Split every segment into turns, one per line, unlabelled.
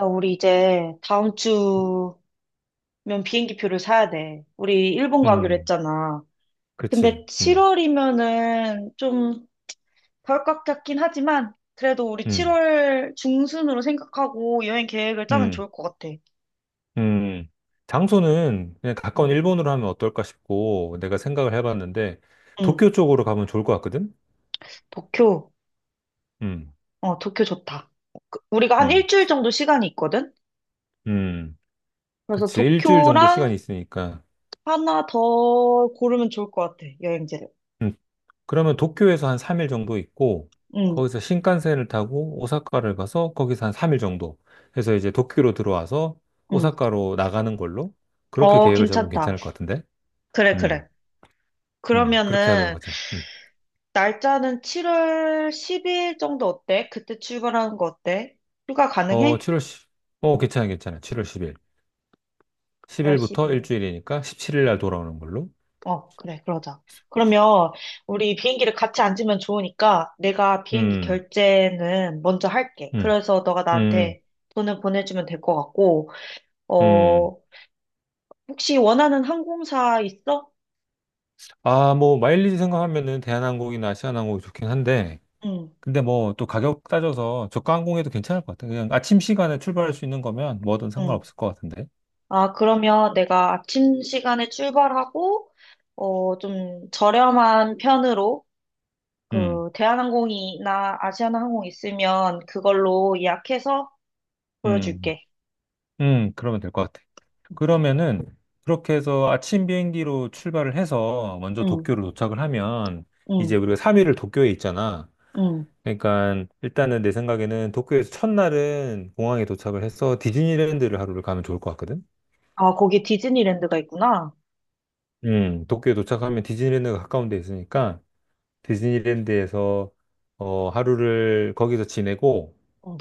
야, 우리 이제 다음 주면 비행기 표를 사야 돼. 우리 일본 가기로
음,
했잖아.
그치.
근데 7월이면은 좀 덜컥 같긴 하지만 그래도 우리
음,
7월 중순으로 생각하고 여행 계획을 짜면
음,
좋을 것 같아.
음. 장소는 그냥 가까운
응,
일본으로 하면 어떨까 싶고, 내가 생각을 해봤는데,
응.
도쿄 쪽으로 가면 좋을 것 같거든?
도쿄.
음,
어, 도쿄 좋다. 우리가 한
음,
일주일 정도 시간이 있거든?
음.
그래서
그렇지. 일주일 정도 시간이
도쿄랑
있으니까.
하나 더 고르면 좋을 것 같아, 여행지를.
음, 그러면 도쿄에서 한 3일 정도 있고,
응,
거기서 신칸센을 타고 오사카를 가서 거기서 한 3일 정도 해서 이제 도쿄로 들어와서
응.
오사카로 나가는 걸로 그렇게
어,
계획을 잡으면
괜찮다.
괜찮을 것 같은데?
그래,
음,
그래.
그렇게 하도록
그러면은
하자. 음.
날짜는 7월 10일 정도 어때? 그때 출발하는 거 어때? 휴가
어,
가능해?
칠월 십 괜찮아, 괜찮아. 7월 10일.
7월
10일부터
10일.
일주일이니까 17일 날 돌아오는 걸로.
어, 그래, 그러자. 그러면 우리 비행기를 같이 앉으면 좋으니까 내가 비행기
음,
결제는 먼저 할게.
음,
그래서 너가
음,
나한테 돈을 보내주면 될 것 같고,
음.
어, 혹시 원하는 항공사 있어?
아, 뭐, 마일리지 생각하면은 대한항공이나 아시아나항공이 좋긴 한데,
응,
근데 뭐, 또 가격 따져서 저가 항공에도 괜찮을 것 같아. 그냥 아침 시간에 출발할 수 있는 거면 뭐든
응.
상관없을 것 같은데.
아, 그러면 내가 아침 시간에 출발하고, 어, 좀 저렴한 편으로
음,
그 대한항공이나 아시아나항공 있으면 그걸로 예약해서
음,
보여줄게.
그러면 될 것 같아. 그러면은, 그렇게 해서 아침 비행기로 출발을 해서 먼저
응,
도쿄를 도착을 하면, 이제
응,
우리가 3일을 도쿄에 있잖아.
응.
그러니까 일단은 내 생각에는 도쿄에서 첫날은 공항에 도착을 해서 디즈니랜드를 하루를 가면 좋을 것 같거든.
아, 거기 디즈니랜드가 있구나.
도쿄에 도착하면 디즈니랜드가 가까운 데 있으니까 디즈니랜드에서 하루를 거기서 지내고
응.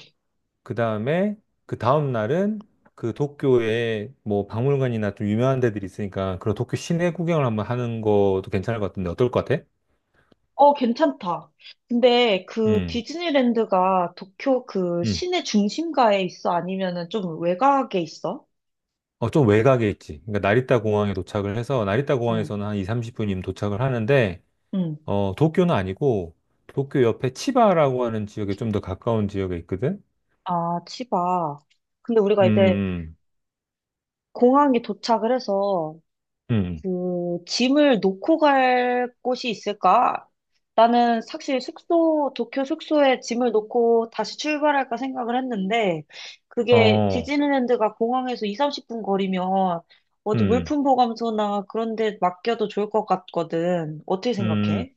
그 다음에 그 다음 날은 그 도쿄에 뭐 박물관이나 좀 유명한 데들이 있으니까 그런 도쿄 시내 구경을 한번 하는 것도 괜찮을 것 같은데 어떨 것 같아?
어, 괜찮다. 근데 그
음,
디즈니랜드가 도쿄 그
음.
시내 중심가에 있어? 아니면은 좀 외곽에 있어?
어, 좀 외곽에 있지. 그러니까 나리타 공항에 도착을 해서 나리타
응.
공항에서는 한 2, 30분이면 도착을 하는데
응.
어, 도쿄는 아니고, 도쿄 옆에 치바라고 하는 지역에 좀 더 가까운 지역에 있거든?
아, 치바. 근데 우리가 이제
음,
공항에 도착을 해서
음, 음.
그, 짐을 놓고 갈 곳이 있을까? 나는 사실 숙소, 도쿄 숙소에 짐을 놓고 다시 출발할까 생각을 했는데,
음.
그게
어,
디즈니랜드가 공항에서 2, 30분 거리면 어디
음,
물품 보관소나 그런 데 맡겨도 좋을 것 같거든. 어떻게
음,
생각해?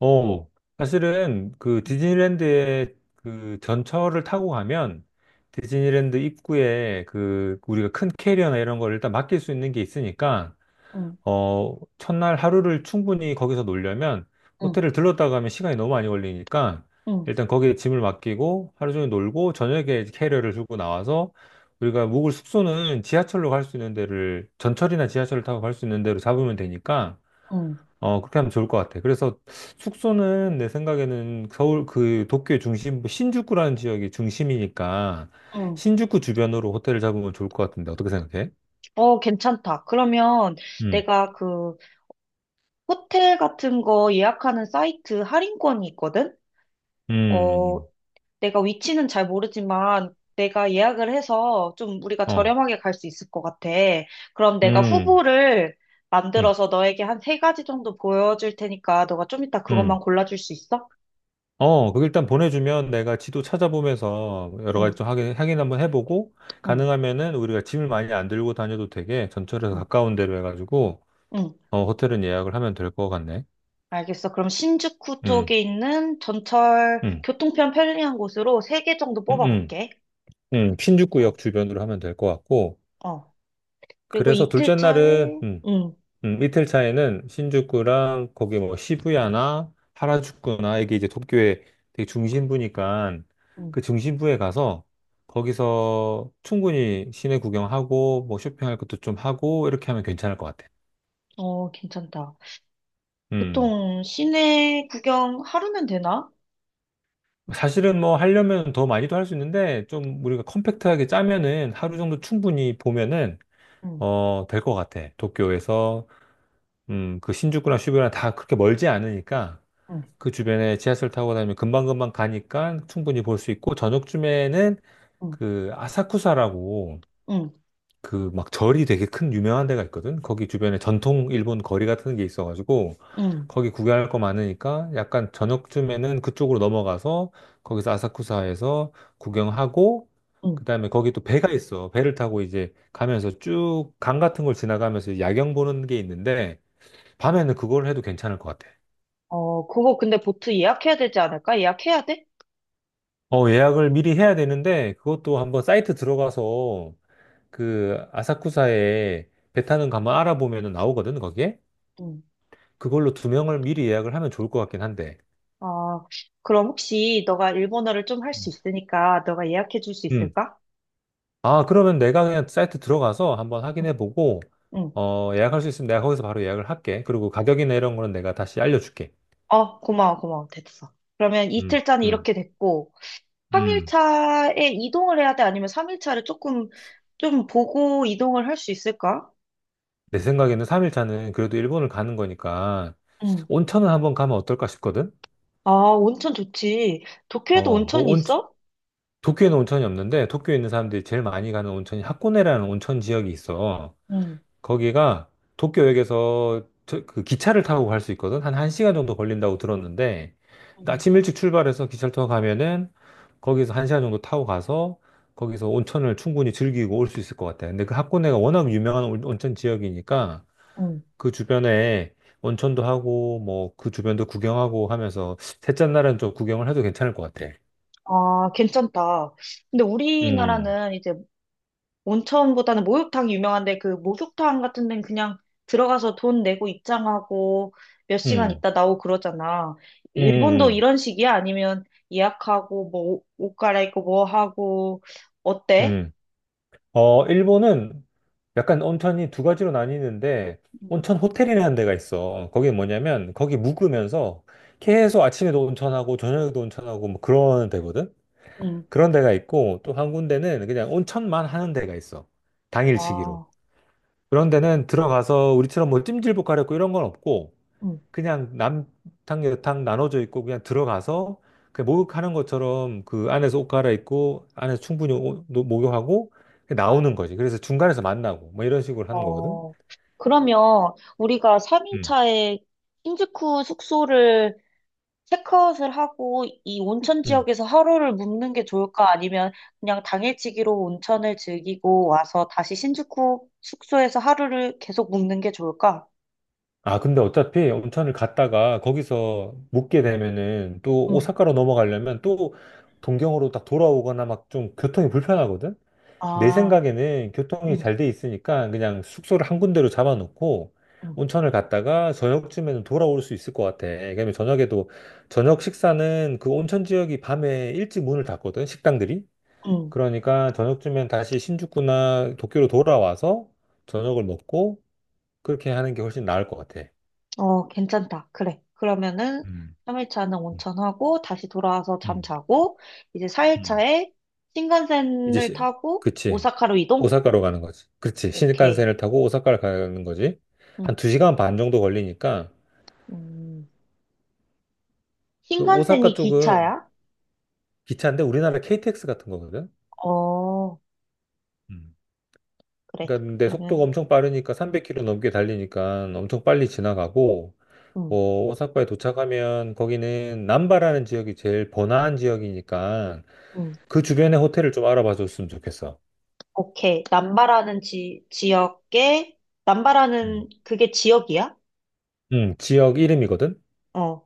어. 사실은 그 디즈니랜드에 그 전철을 타고 가면 디즈니랜드 입구에 그 우리가 큰 캐리어나 이런 걸 일단 맡길 수 있는 게 있으니까
응,
첫날 하루를 충분히 거기서 놀려면
응,
호텔을 들렀다 가면 시간이 너무 많이 걸리니까
응,
일단 거기에 짐을 맡기고 하루 종일 놀고 저녁에 캐리어를 들고 나와서 우리가 묵을 숙소는 지하철로 갈 수 있는 데를 전철이나 지하철을 타고 갈 수 있는 데로 잡으면 되니까
응,
그렇게 하면 좋을 것 같아. 그래서 숙소는 내 생각에는 서울 그 도쿄의 중심부 신주쿠라는 지역이 중심이니까
응.
신주쿠 주변으로 호텔을 잡으면 좋을 것 같은데 어떻게 생각해?
어, 괜찮다. 그러면
음,
내가 그 호텔 같은 거 예약하는 사이트 할인권이 있거든?
음,
어,
음.
내가 위치는 잘 모르지만 내가 예약을 해서 좀 우리가
어,
저렴하게 갈 수 있을 것 같아. 그럼 내가
음.
후보를
음,
만들어서 너에게 한 세 가지 정도 보여줄 테니까 너가 좀 이따
음.
그것만 골라줄 수 있어?
어, 그 일단 보내주면 내가 지도 찾아보면서 여러
응,
가지 좀 확인 한번 해보고,
응,
가능하면은 우리가 짐을 많이 안 들고 다녀도 되게 전철에서
응,
가까운 데로 해가지고,
응.
호텔은 예약을 하면 될 것 같네.
알겠어. 그럼 신주쿠
음,
쪽에 있는 전철
음,
교통편 편리한 곳으로 세 개 정도
음, 음,
뽑아볼게. 어,
신주쿠역 주변으로 하면 될 것 같고,
어. 그리고
그래서
이틀
둘째 날은,
차에, 응,
이틀 차에는 신주쿠랑 거기 뭐 시부야나 하라주쿠나 이게 이제 도쿄의 되게 중심부니까
응.
그 중심부에 가서 거기서 충분히 시내 구경하고 뭐 쇼핑할 것도 좀 하고 이렇게 하면 괜찮을 것 같아.
어, 괜찮다.
음.
보통 시내 구경 하루면 되나?
사실은 뭐 하려면 더 많이도 할 수 있는데 좀 우리가 컴팩트하게 짜면은 하루 정도 충분히 보면은
응,
될 것 같아. 도쿄에서 그 신주쿠랑 시부야나 다 그렇게 멀지 않으니까
응.
그 주변에 지하철 타고 다니면 금방금방 가니까 충분히 볼 수 있고 저녁쯤에는
응.
그 아사쿠사라고
응,
그 막 절이 되게 큰 유명한 데가 있거든. 거기 주변에 전통 일본 거리 같은 게 있어가지고
응,
거기 구경할 거 많으니까 약간 저녁쯤에는 그쪽으로 넘어가서 거기서 아사쿠사에서 구경하고
응,
그다음에 거기 또 배가 있어. 배를 타고 이제 가면서 쭉 강 같은 걸 지나가면서 야경 보는 게 있는데 밤에는 그걸 해도 괜찮을 것 같아.
어, 그거 근데 보트 예약해야 되지 않을까? 예약해야 돼?
어, 예약을 미리 해야 되는데 그것도 한번 사이트 들어가서 그 아사쿠사에 배 타는 거 한번 알아보면 나오거든, 거기에.
응.
그걸로 두 명을 미리 예약을 하면 좋을 것 같긴 한데.
아, 그럼 혹시 너가 일본어를 좀 할 수
음.
있으니까 너가 예약해 줄 수
음.
있을까?
아, 그러면 내가 그냥 사이트 들어가서 한번
응,
확인해 보고
응.
예약할 수 있으면 내가 거기서 바로 예약을 할게. 그리고 가격이나 이런 거는 내가 다시 알려줄게.
어, 고마워, 고마워. 됐어. 그러면
음.
이틀짜는
음.
이렇게 됐고,
음.
3일차에 이동을 해야 돼? 아니면 3일차를 조금, 좀 보고 이동을 할 수 있을까?
내 생각에는 3일차는 그래도 일본을 가는 거니까
응,
온천을 한번 가면 어떨까 싶거든.
아, 온천 좋지. 도쿄에도
어,
온천이 있어?
도쿄에는 온천이 없는데 도쿄에 있는 사람들이 제일 많이 가는 온천이 하코네라는 온천 지역이 있어.
응,
거기가 도쿄역에서 그 기차를 타고 갈 수 있거든. 한 1시간 정도 걸린다고 들었는데
응,
아침 일찍 출발해서 기차를 타고 가면은 거기서 1시간 정도 타고 가서 거기서 온천을 충분히 즐기고 올 수 있을 것 같아. 근데 그 하코네가 워낙 유명한 온천 지역이니까
응.
그 주변에 온천도 하고 뭐 그 주변도 구경하고 하면서 셋째 날은 좀 구경을 해도 괜찮을 것 같아.
아, 괜찮다. 근데
음,
우리나라는 이제 온천보다는 목욕탕이 유명한데 그 목욕탕 같은 데는 그냥 들어가서 돈 내고 입장하고 몇 시간
음,
있다 나오고 그러잖아.
음,
일본도
음. 음.
이런 식이야? 아니면 예약하고 뭐 옷 갈아입고 뭐 하고 어때?
음. 어, 일본은 약간 온천이 두 가지로 나뉘는데, 온천 호텔이라는 데가 있어. 어, 거기 뭐냐면, 거기 묵으면서 계속 아침에도 온천하고, 저녁에도 온천하고, 뭐 그런 데거든?
응.
그런 데가 있고, 또 한 군데는 그냥 온천만 하는 데가 있어. 당일치기로.
아,
그런 데는 들어가서 우리처럼 뭐 찜질복 가렵고 이런 건 없고,
응.
그냥 남탕 여탕 나눠져 있고 그냥 들어가서 그 목욕하는 것처럼 그 안에서 옷 갈아입고 안에서 충분히 목욕하고 나오는 거지. 그래서 중간에서 만나고 뭐 이런 식으로 하는 거거든.
어. 그러면 우리가
음.
3인차에 신주쿠 숙소를 체크아웃을 하고 이 온천
음.
지역에서 하루를 묵는 게 좋을까? 아니면 그냥 당일치기로 온천을 즐기고 와서 다시 신주쿠 숙소에서 하루를 계속 묵는 게 좋을까?
아, 근데 어차피 온천을 갔다가 거기서 묵게 되면은 또
응.
오사카로 넘어가려면 또 동경으로 딱 돌아오거나 막 좀 교통이 불편하거든. 내
아,
생각에는 교통이
응,
잘 돼 있으니까 그냥 숙소를 한 군데로 잡아놓고
응,
온천을 갔다가 저녁쯤에는 돌아올 수 있을 것 같아. 그러면 저녁에도 저녁 식사는 그 온천 지역이 밤에 일찍 문을 닫거든, 식당들이.
응.
그러니까 저녁쯤엔 다시 신주쿠나 도쿄로 돌아와서 저녁을 먹고 그렇게 하는 게 훨씬 나을 것 같아.
어, 괜찮다. 그래. 그러면은
음,
3일차는
음,
온천하고 다시 돌아와서 잠
음,
자고 이제
음.
4일차에
이제
신칸센을
시,
타고
그치.
오사카로 이동?
오사카로 가는 거지. 그치.
오케이.
신칸센을 타고 오사카를 가는 거지. 한
응.
두 시간 반 정도 걸리니까
음,
그 오사카
신칸센이
쪽은
기차야?
기차인데 우리나라 KTX 같은 거거든.
어,
음.
그래.
그러니까 근데 속도가
그러면
엄청 빠르니까 300km 넘게 달리니까 엄청 빨리 지나가고
응,
어, 오사카에 도착하면 거기는 남바라는 지역이 제일 번화한 지역이니까
응,
그 주변에 호텔을 좀 알아봐 줬으면 좋겠어.
오케이. 남바라는 지역에, 남바라는
음.
그게 지역이야?
지역 이름이거든.
어.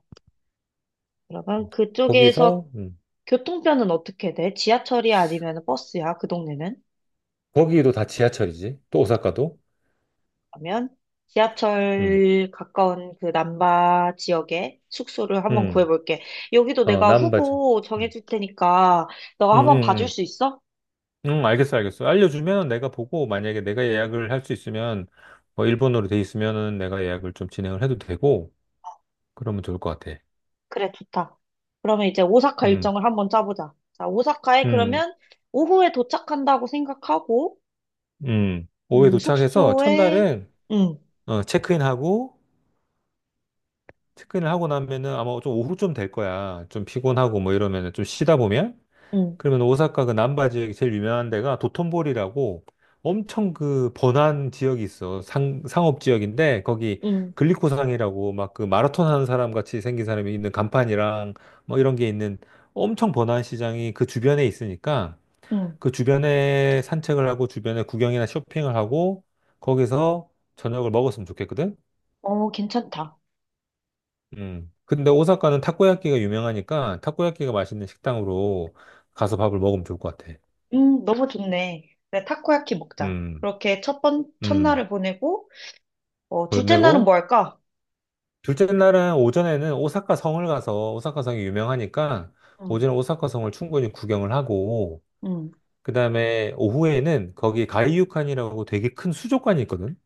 그러면 그쪽에서
거기서
교통편은 어떻게 돼? 지하철이 아니면 버스야? 그 동네는?
거기도 다 지하철이지. 또 오사카도.
그러면
음,
지하철 가까운 그 남바 지역에 숙소를 한번
음,
구해볼게. 여기도
어,
내가
남바지.
후보
음,
정해줄 테니까
음,
너가
음,
한번 봐줄
음.
수 있어?
응, 알겠어, 알겠어. 알려주면 내가 보고, 만약에 내가 예약을 할 수 있으면, 뭐, 일본어로 돼 있으면은 내가 예약을 좀 진행을 해도 되고, 그러면 좋을 것 같아.
그래, 좋다. 그러면 이제 오사카
음,
일정을 한번 짜보자. 자, 오사카에
음,
그러면 오후에 도착한다고 생각하고,
오후에 도착해서
숙소에,
첫날은,
응,
어, 체크인하고, 체크인을 하고 나면은 아마 좀 오후쯤 될 거야. 좀 피곤하고 뭐 이러면은 좀 쉬다 보면,
응,
그러면 오사카 그 남바 지역이 제일 유명한 데가 도톤보리라고 엄청 그 번화한 지역이 있어. 상업 지역인데 거기
응,
글리코상이라고 막 그 마라톤 하는 사람 같이 생긴 사람이 있는 간판이랑 뭐 이런 게 있는 엄청 번화한 시장이 그 주변에 있으니까
응.
그 주변에 산책을 하고 주변에 구경이나 쇼핑을 하고 거기서 저녁을 먹었으면 좋겠거든.
어, 괜찮다.
음. 근데 오사카는 타코야끼가 유명하니까 타코야끼가 맛있는 식당으로 가서 밥을 먹으면 좋을 것 같아.
너무 좋네. 그래, 타코야키 먹자.
음.
그렇게
음.
첫날을 보내고, 어,
돈
둘째 날은
내고
뭐 할까?
둘째 날은 오전에는 오사카 성을 가서 오사카 성이 유명하니까
응,
오전에 오사카 성을 충분히 구경을 하고
응,
그다음에 오후에는 거기 가이유칸이라고 되게 큰 수족관이 있거든.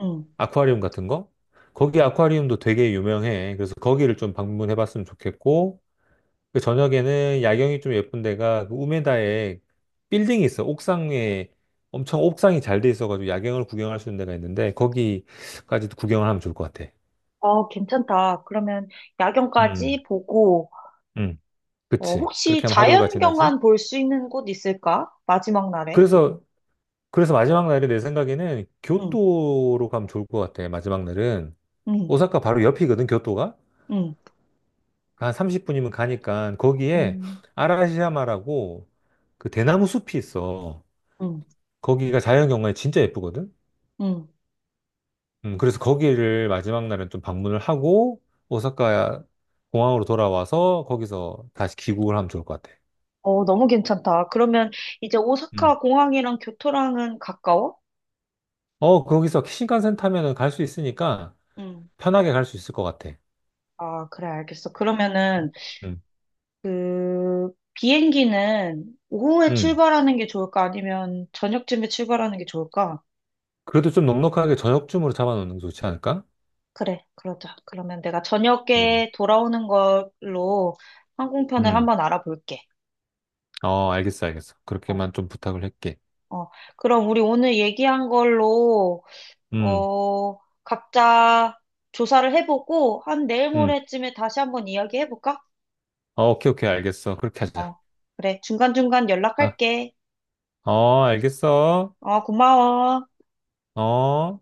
응.
아쿠아리움 같은 거. 거기 아쿠아리움도 되게 유명해. 그래서 거기를 좀 방문해 봤으면 좋겠고 그 저녁에는 야경이 좀 예쁜 데가 그 우메다에 빌딩이 있어. 옥상에 엄청 옥상이 잘 돼 있어가지고 야경을 구경할 수 있는 데가 있는데 거기까지도 구경을 하면 좋을 것 같아.
어, 괜찮다. 그러면
음.
야경까지 보고,
음.
어,
그치. 그렇게
혹시
하면 하루가 지나지.
자연경관 볼 수 있는 곳 있을까? 마지막 날에?
그래서, 그래서 마지막 날에 내 생각에는
응,
교토로 가면 좋을 것 같아. 마지막 날은.
응,
오사카 바로 옆이거든, 교토가.
응,
한 30분이면 가니까 거기에
응,
아라시야마라고 그 대나무 숲이 있어.
응,
거기가 자연경관이 진짜 예쁘거든.
응.
그래서 거기를 마지막 날은 좀 방문을 하고 오사카 공항으로 돌아와서 거기서 다시 귀국을 하면 좋을 것 같아.
어, 너무 괜찮다. 그러면 이제
음.
오사카 공항이랑 교토랑은 가까워?
어, 거기서 신칸센 타면은 갈 수 있으니까
응.
편하게 갈 수 있을 것 같아.
아, 그래, 알겠어. 그러면은,
음.
그, 비행기는 오후에
음.
출발하는 게 좋을까? 아니면 저녁쯤에 출발하는 게 좋을까?
그래도 좀 넉넉하게 저녁쯤으로 잡아놓는 게 좋지 않을까?
그래, 그러자. 그러면 내가
음.
저녁에 돌아오는 걸로 항공편을
음.
한번 알아볼게.
어, 알겠어, 알겠어.
어,
그렇게만 좀 부탁을 할게.
어. 그럼 우리 오늘 얘기한 걸로,
음.
어, 각자 조사를 해보고, 한 내일
음.
모레쯤에 다시 한번 이야기해볼까?
어, 오케이, 오케이, 알겠어. 그렇게 하자.
어, 그래. 중간중간
아,
연락할게.
어, 알겠어.
어, 고마워.
어.